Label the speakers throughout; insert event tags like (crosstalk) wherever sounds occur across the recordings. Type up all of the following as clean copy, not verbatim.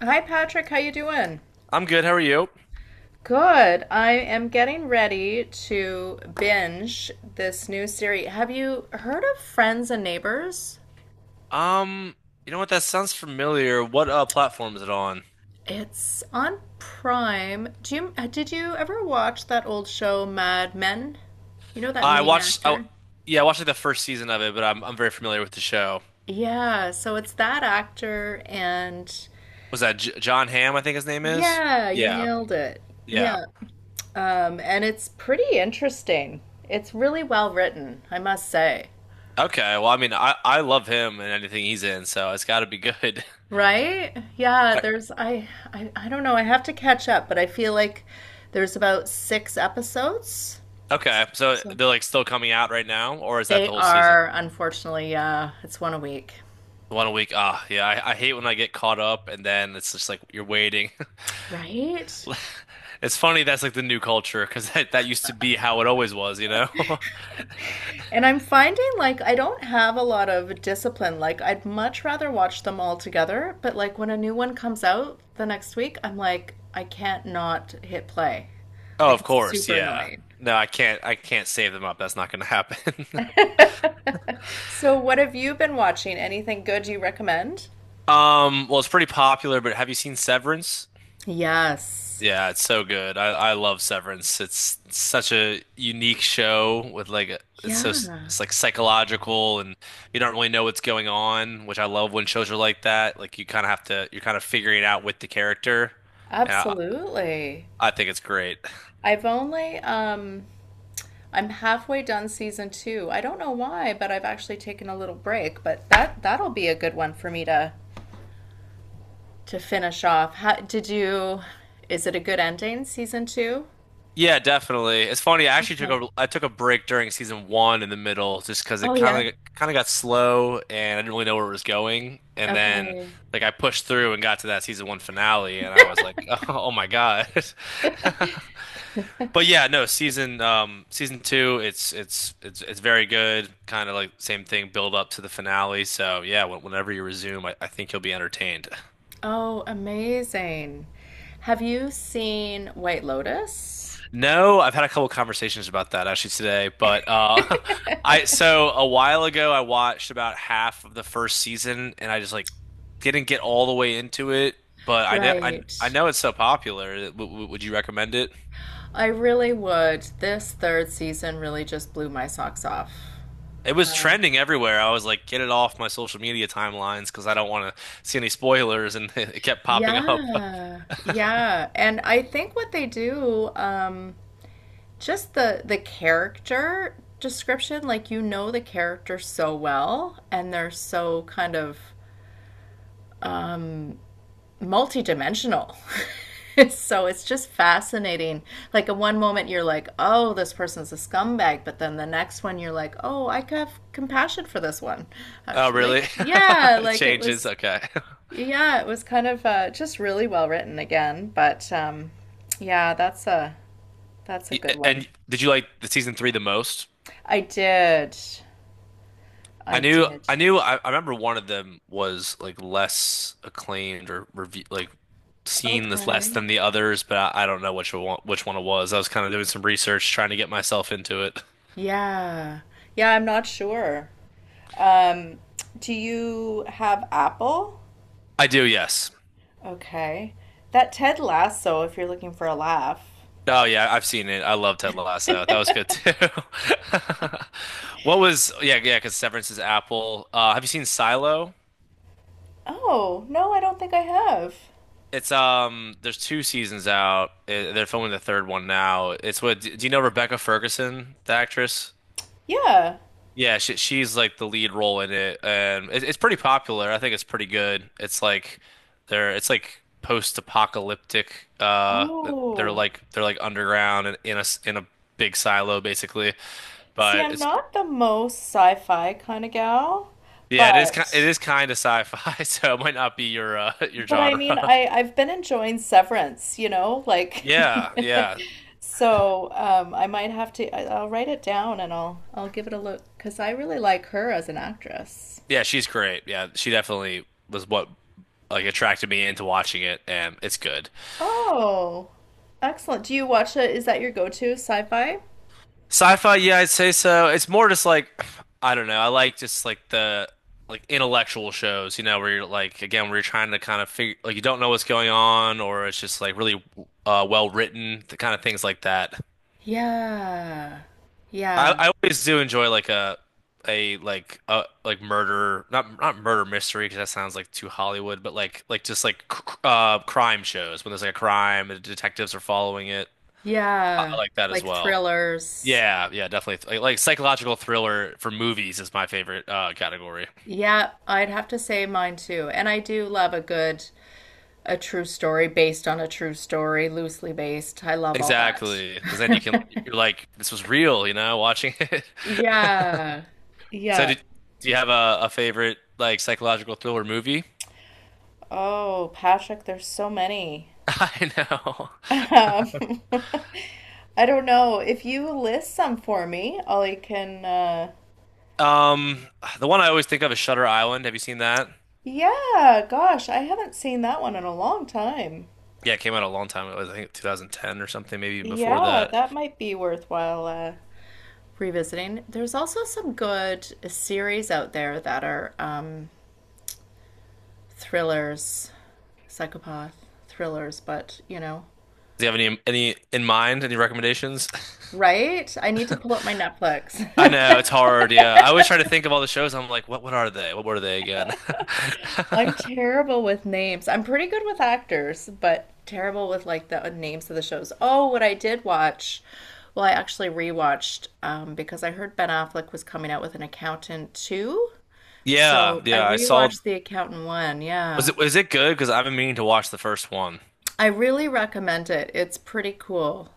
Speaker 1: Hi Patrick, how you doing?
Speaker 2: I'm good. How are you?
Speaker 1: Good. I am getting ready to binge this new series. Have you heard of Friends and Neighbors?
Speaker 2: Um, you know what? That sounds familiar. What platform is it on?
Speaker 1: It's on Prime. Do you did you ever watch that old show Mad Men? You know that
Speaker 2: I
Speaker 1: main
Speaker 2: watched.
Speaker 1: actor?
Speaker 2: Yeah, I watched like the first season of it, but I'm very familiar with the show.
Speaker 1: Yeah, so it's that actor and
Speaker 2: Was that J John Hamm? I think his name is.
Speaker 1: yeah, you
Speaker 2: Yeah,
Speaker 1: nailed it.
Speaker 2: yeah.
Speaker 1: Yeah. And it's pretty interesting. It's really well written, I must say.
Speaker 2: Okay. Well, I mean, I love him and anything he's in, so it's got to be good. (laughs)
Speaker 1: Right?
Speaker 2: I-
Speaker 1: I don't know. I have to catch up, but I feel like there's about six episodes.
Speaker 2: Okay. So
Speaker 1: So
Speaker 2: they're like still coming out right now, or is that
Speaker 1: they
Speaker 2: the whole season?
Speaker 1: are unfortunately it's one a week.
Speaker 2: One a week. Ah, yeah. I hate when I get caught up and then it's just like you're waiting.
Speaker 1: Right?
Speaker 2: (laughs) It's funny that's like the new culture because that used to be how it always was, you know? (laughs)
Speaker 1: And I'm finding like I don't have a lot of discipline. Like I'd much rather watch them all together, but like when a new one comes out the next week, I'm like I can't not hit play.
Speaker 2: Oh,
Speaker 1: Like
Speaker 2: of
Speaker 1: it's
Speaker 2: course,
Speaker 1: super
Speaker 2: yeah.
Speaker 1: annoying.
Speaker 2: No, I can't save them up. That's not gonna happen. (laughs)
Speaker 1: (laughs) So what have you been watching? Anything good you recommend?
Speaker 2: Well, it's pretty popular, but have you seen Severance?
Speaker 1: Yes.
Speaker 2: Yeah, it's so good. I love Severance. It's such a unique show with it's so
Speaker 1: Yeah,
Speaker 2: it's like psychological, and you don't really know what's going on, which I love when shows are like that. Like you kind of have to you're kind of figuring it out with the character. And I
Speaker 1: absolutely.
Speaker 2: I think it's great. (laughs)
Speaker 1: I've only I'm halfway done season two. I don't know why, but I've actually taken a little break, but that'll be a good one for me to finish off. How did you is it a good ending, season two?
Speaker 2: Yeah, definitely. It's funny. I actually took
Speaker 1: Okay.
Speaker 2: a I took a break during season one in the middle just because
Speaker 1: Oh
Speaker 2: it
Speaker 1: yeah.
Speaker 2: kind of got slow and I didn't really know where it was going. And then
Speaker 1: Okay.
Speaker 2: like I pushed through and got to that season one finale and I was like, (laughs) oh, my God. (laughs) But yeah, no, season two, it's very good. Kind of like same thing, build up to the finale. So yeah, whenever you resume, I think you'll be entertained. (laughs)
Speaker 1: Oh, amazing. Have you seen White Lotus?
Speaker 2: No, I've had a couple conversations about that actually today, but (laughs) I so a while ago I watched about half of the first season and I just like didn't get all the way into it, but
Speaker 1: Right.
Speaker 2: I know it's so popular. Would you recommend it?
Speaker 1: I really would. This third season really just blew my socks off.
Speaker 2: It was
Speaker 1: Um,
Speaker 2: trending everywhere. I was like, get it off my social media timelines because I don't want to see any spoilers, and (laughs) it kept popping up.
Speaker 1: yeah, yeah. And I think what they do, just the character description, like you know the character so well, and they're so kind of multidimensional. (laughs) So it's just fascinating. Like in one moment you're like, "Oh, this person's a scumbag," but then the next one you're like, "Oh, I could have compassion for this one."
Speaker 2: Oh,
Speaker 1: Actually,
Speaker 2: really? (laughs)
Speaker 1: yeah,
Speaker 2: It
Speaker 1: like it
Speaker 2: changes.
Speaker 1: was
Speaker 2: Okay. (laughs)
Speaker 1: yeah, it was kind of just really well written again, but yeah, that's a good one.
Speaker 2: And did you like the season three the most?
Speaker 1: I did. I did.
Speaker 2: I remember one of them was like less acclaimed or review, like seen as less
Speaker 1: Okay.
Speaker 2: than the others, but I don't know which one it was. I was kind of doing some research, trying to get myself into it.
Speaker 1: Yeah. Yeah, I'm not sure. Um, do you have Apple?
Speaker 2: I do, yes.
Speaker 1: Okay. That Ted Lasso, if you're looking for a laugh.
Speaker 2: Oh yeah, I've seen it. I love Ted Lasso. That was good too. (laughs) What was, yeah, yeah, because Severance is Apple. Have you seen Silo?
Speaker 1: Oh, no, I don't think I have.
Speaker 2: It's there's two seasons out. Eh, they're filming the third one now. It's what, do you know Rebecca Ferguson, the actress?
Speaker 1: Yeah.
Speaker 2: Yeah, she's like the lead role in it, and it's pretty popular. I think it's pretty good. It's like they're it's like post-apocalyptic.
Speaker 1: Oh.
Speaker 2: They're like underground and in a big silo basically.
Speaker 1: See,
Speaker 2: But
Speaker 1: I'm
Speaker 2: it's
Speaker 1: not the most sci-fi kind of gal,
Speaker 2: yeah, it
Speaker 1: but
Speaker 2: is kind of sci-fi, (laughs) so it might not be your (laughs) your
Speaker 1: but I
Speaker 2: genre.
Speaker 1: mean, I've been enjoying Severance, you know, like
Speaker 2: Yeah,
Speaker 1: (laughs)
Speaker 2: yeah,
Speaker 1: so I might have to I'll write it down and I'll give it a look because I really like her as an actress.
Speaker 2: yeah. She's great. Yeah, she definitely was what like attracted me into watching it, and it's good.
Speaker 1: Oh, excellent. Do you watch it? Is that your go-to sci-fi?
Speaker 2: Sci-fi, yeah, I'd say so. It's more just like I don't know. I like just like the like intellectual shows, you know, where you're like again, where you're trying to kind of figure like you don't know what's going on, or it's just like really well written, the kind of things like that.
Speaker 1: Yeah. Yeah.
Speaker 2: I always do enjoy like a murder, not murder mystery because that sounds like too Hollywood, but like just like crime shows when there's like a crime and detectives are following it. I
Speaker 1: Yeah.
Speaker 2: like that as
Speaker 1: Like
Speaker 2: well.
Speaker 1: thrillers.
Speaker 2: Yeah, yeah, definitely. Like psychological thriller for movies is my favorite category.
Speaker 1: Yeah, I'd have to say mine too. And I do love a good, a true story based on a true story, loosely based. I love all
Speaker 2: Exactly, because then you can
Speaker 1: that. (laughs)
Speaker 2: you're like this was real, you know, watching it. (laughs)
Speaker 1: Yeah.
Speaker 2: So
Speaker 1: Yeah.
Speaker 2: did, do you have a favorite like psychological thriller movie?
Speaker 1: Oh, Patrick, there's so many.
Speaker 2: (laughs) I know.
Speaker 1: (laughs) Um, (laughs) I don't know. If you list some for me, Ollie can,
Speaker 2: Um, the one I always think of is Shutter Island. Have you seen that?
Speaker 1: yeah, gosh, I haven't seen that one in a long time.
Speaker 2: Yeah, it came out a long time ago. I think 2010 or something, maybe even before
Speaker 1: Yeah,
Speaker 2: that.
Speaker 1: that might be worthwhile, revisiting. There's also some good series out there that are thrillers, psychopath thrillers, but you know,
Speaker 2: Do you have any in mind? Any recommendations?
Speaker 1: right? I need to pull up my Netflix.
Speaker 2: (laughs) I know it's hard. Yeah, I always try to think of all the shows. I'm like, what are they? What were they again?
Speaker 1: (laughs)
Speaker 2: (laughs)
Speaker 1: I'm terrible with names. I'm pretty good with actors, but terrible with like the names of the shows. Oh, what I did watch. Well, I actually rewatched, because I heard Ben Affleck was coming out with an accountant too.
Speaker 2: Yeah,
Speaker 1: So I
Speaker 2: yeah, I saw.
Speaker 1: rewatched The Accountant one, yeah.
Speaker 2: Was it good? Because I've been meaning to watch the first one.
Speaker 1: I really recommend it. It's pretty cool.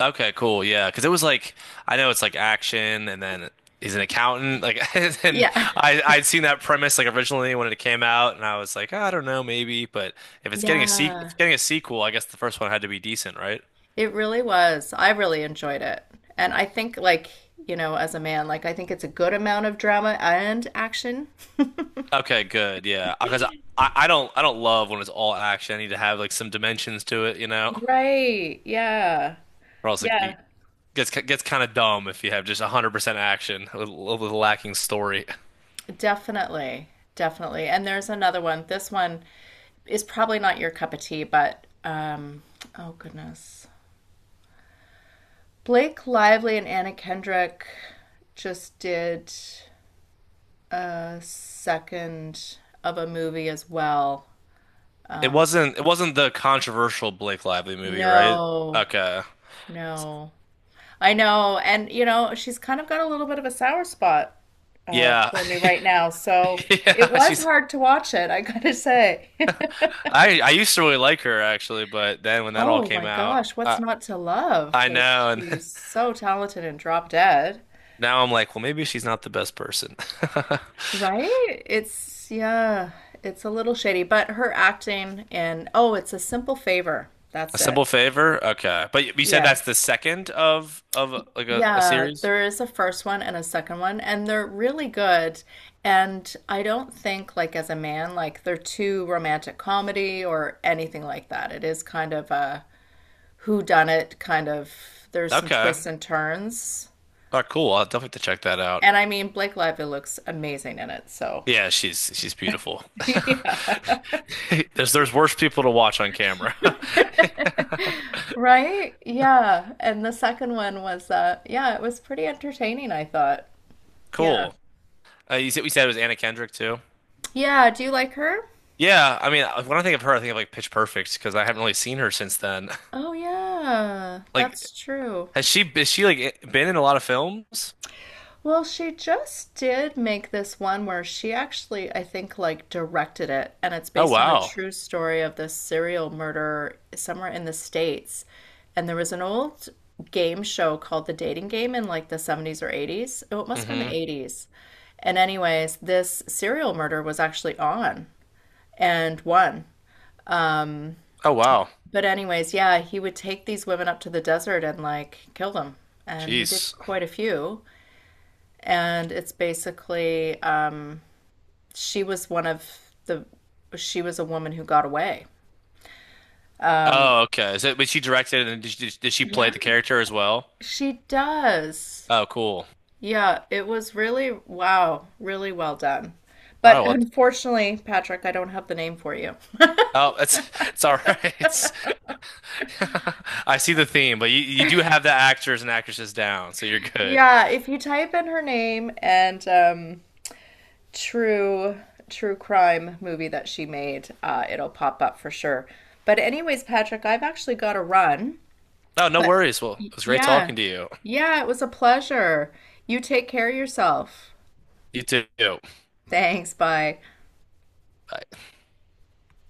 Speaker 2: Okay, cool. Yeah, because it was like I know it's like action, and then he's an accountant. Like, (laughs) and
Speaker 1: Yeah. (laughs)
Speaker 2: I'd seen that premise like originally when it came out, and I was like, I don't know, maybe. But if it's getting a se if it's
Speaker 1: Yeah.
Speaker 2: getting a sequel, I guess the first one had to be decent, right?
Speaker 1: It really was. I really enjoyed it. And I think, like, you know, as a man, like, I think it's a good amount of drama and action.
Speaker 2: Okay, good. Yeah, because I don't love when it's all action. I need to have like some dimensions to it, you know,
Speaker 1: Right. Yeah.
Speaker 2: or else like, it
Speaker 1: Yeah.
Speaker 2: gets kind of dumb if you have just 100% action with lacking story.
Speaker 1: Definitely. Definitely. And there's another one. This one is probably not your cup of tea, but, oh goodness. Blake Lively and Anna Kendrick just did a second of a movie as well. Um,
Speaker 2: It wasn't the controversial Blake Lively movie, right?
Speaker 1: no,
Speaker 2: Okay.
Speaker 1: no. I know. And, you know, she's kind of got a little bit of a sour spot
Speaker 2: Yeah.
Speaker 1: for me
Speaker 2: (laughs)
Speaker 1: right now. So it
Speaker 2: Yeah,
Speaker 1: was
Speaker 2: she's
Speaker 1: hard to watch it, I gotta say. (laughs)
Speaker 2: I used to really like her actually, but then when that all
Speaker 1: Oh
Speaker 2: came
Speaker 1: my
Speaker 2: out,
Speaker 1: gosh, what's not to love?
Speaker 2: I
Speaker 1: Like,
Speaker 2: know, and
Speaker 1: she's
Speaker 2: (laughs)
Speaker 1: so talented and drop dead.
Speaker 2: now I'm like, well maybe she's not the best person. (laughs) A
Speaker 1: Right? It's, yeah, it's a little shady, but her acting and, oh, it's a simple favor. That's it.
Speaker 2: simple favor? Okay. But you said
Speaker 1: Yeah.
Speaker 2: that's the second of
Speaker 1: Y-
Speaker 2: like a
Speaker 1: Yeah,
Speaker 2: series?
Speaker 1: there is a first one and a second one, and they're really good. And I don't think, like, as a man, like, they're too romantic comedy or anything like that. It is kind of a whodunit kind of, there's some
Speaker 2: Okay. All
Speaker 1: twists and turns.
Speaker 2: right, cool. I'll definitely have to check that out.
Speaker 1: And I mean, Blake Lively looks amazing in it, so
Speaker 2: Yeah, she's beautiful.
Speaker 1: (laughs) yeah.
Speaker 2: (laughs) There's worse people to watch on camera. (laughs)
Speaker 1: (laughs) Right? Yeah. And the second one was, yeah, it was pretty entertaining, I thought. Yeah.
Speaker 2: Cool. You said we said it was Anna Kendrick too.
Speaker 1: Yeah. Do you like her?
Speaker 2: Yeah, I mean, when I think of her, I think of like Pitch Perfect because I haven't really seen her since then. (laughs)
Speaker 1: Oh, yeah,
Speaker 2: Like,
Speaker 1: that's true.
Speaker 2: has she is she like been in a lot of films?
Speaker 1: Well, she just did make this one where she actually, I think, like directed it, and it's
Speaker 2: Oh
Speaker 1: based on a
Speaker 2: wow.
Speaker 1: true story of this serial murder somewhere in the States. And there was an old game show called The Dating Game in like the 70s or 80s. Oh, it must have been the
Speaker 2: Hmm.
Speaker 1: 80s. And anyways, this serial murder was actually on and won. Um,
Speaker 2: Oh wow.
Speaker 1: but anyways, yeah, he would take these women up to the desert and like kill them. And he did
Speaker 2: Jeez.
Speaker 1: quite a few. And it's basically, she was one of the she was a woman who got away. Um,
Speaker 2: Oh okay. Is it? But she directed and did she play the character as well?
Speaker 1: she does.
Speaker 2: Oh cool.
Speaker 1: Yeah, it was really wow, really well done.
Speaker 2: All right.
Speaker 1: But
Speaker 2: Well.
Speaker 1: unfortunately, Patrick, I don't have the name for you.
Speaker 2: Oh, (laughs) it's all right. (laughs) It's, (laughs) I see the theme, but you do have the actors and actresses down, so you're good.
Speaker 1: Yeah, if you type in her name and true crime movie that she made, it'll pop up for sure. But anyways, Patrick, I've actually got to run.
Speaker 2: No, no
Speaker 1: But
Speaker 2: worries. Well, it was great
Speaker 1: yeah,
Speaker 2: talking to you.
Speaker 1: yeah, it was a pleasure. You take care of yourself.
Speaker 2: You too.
Speaker 1: Thanks. Bye.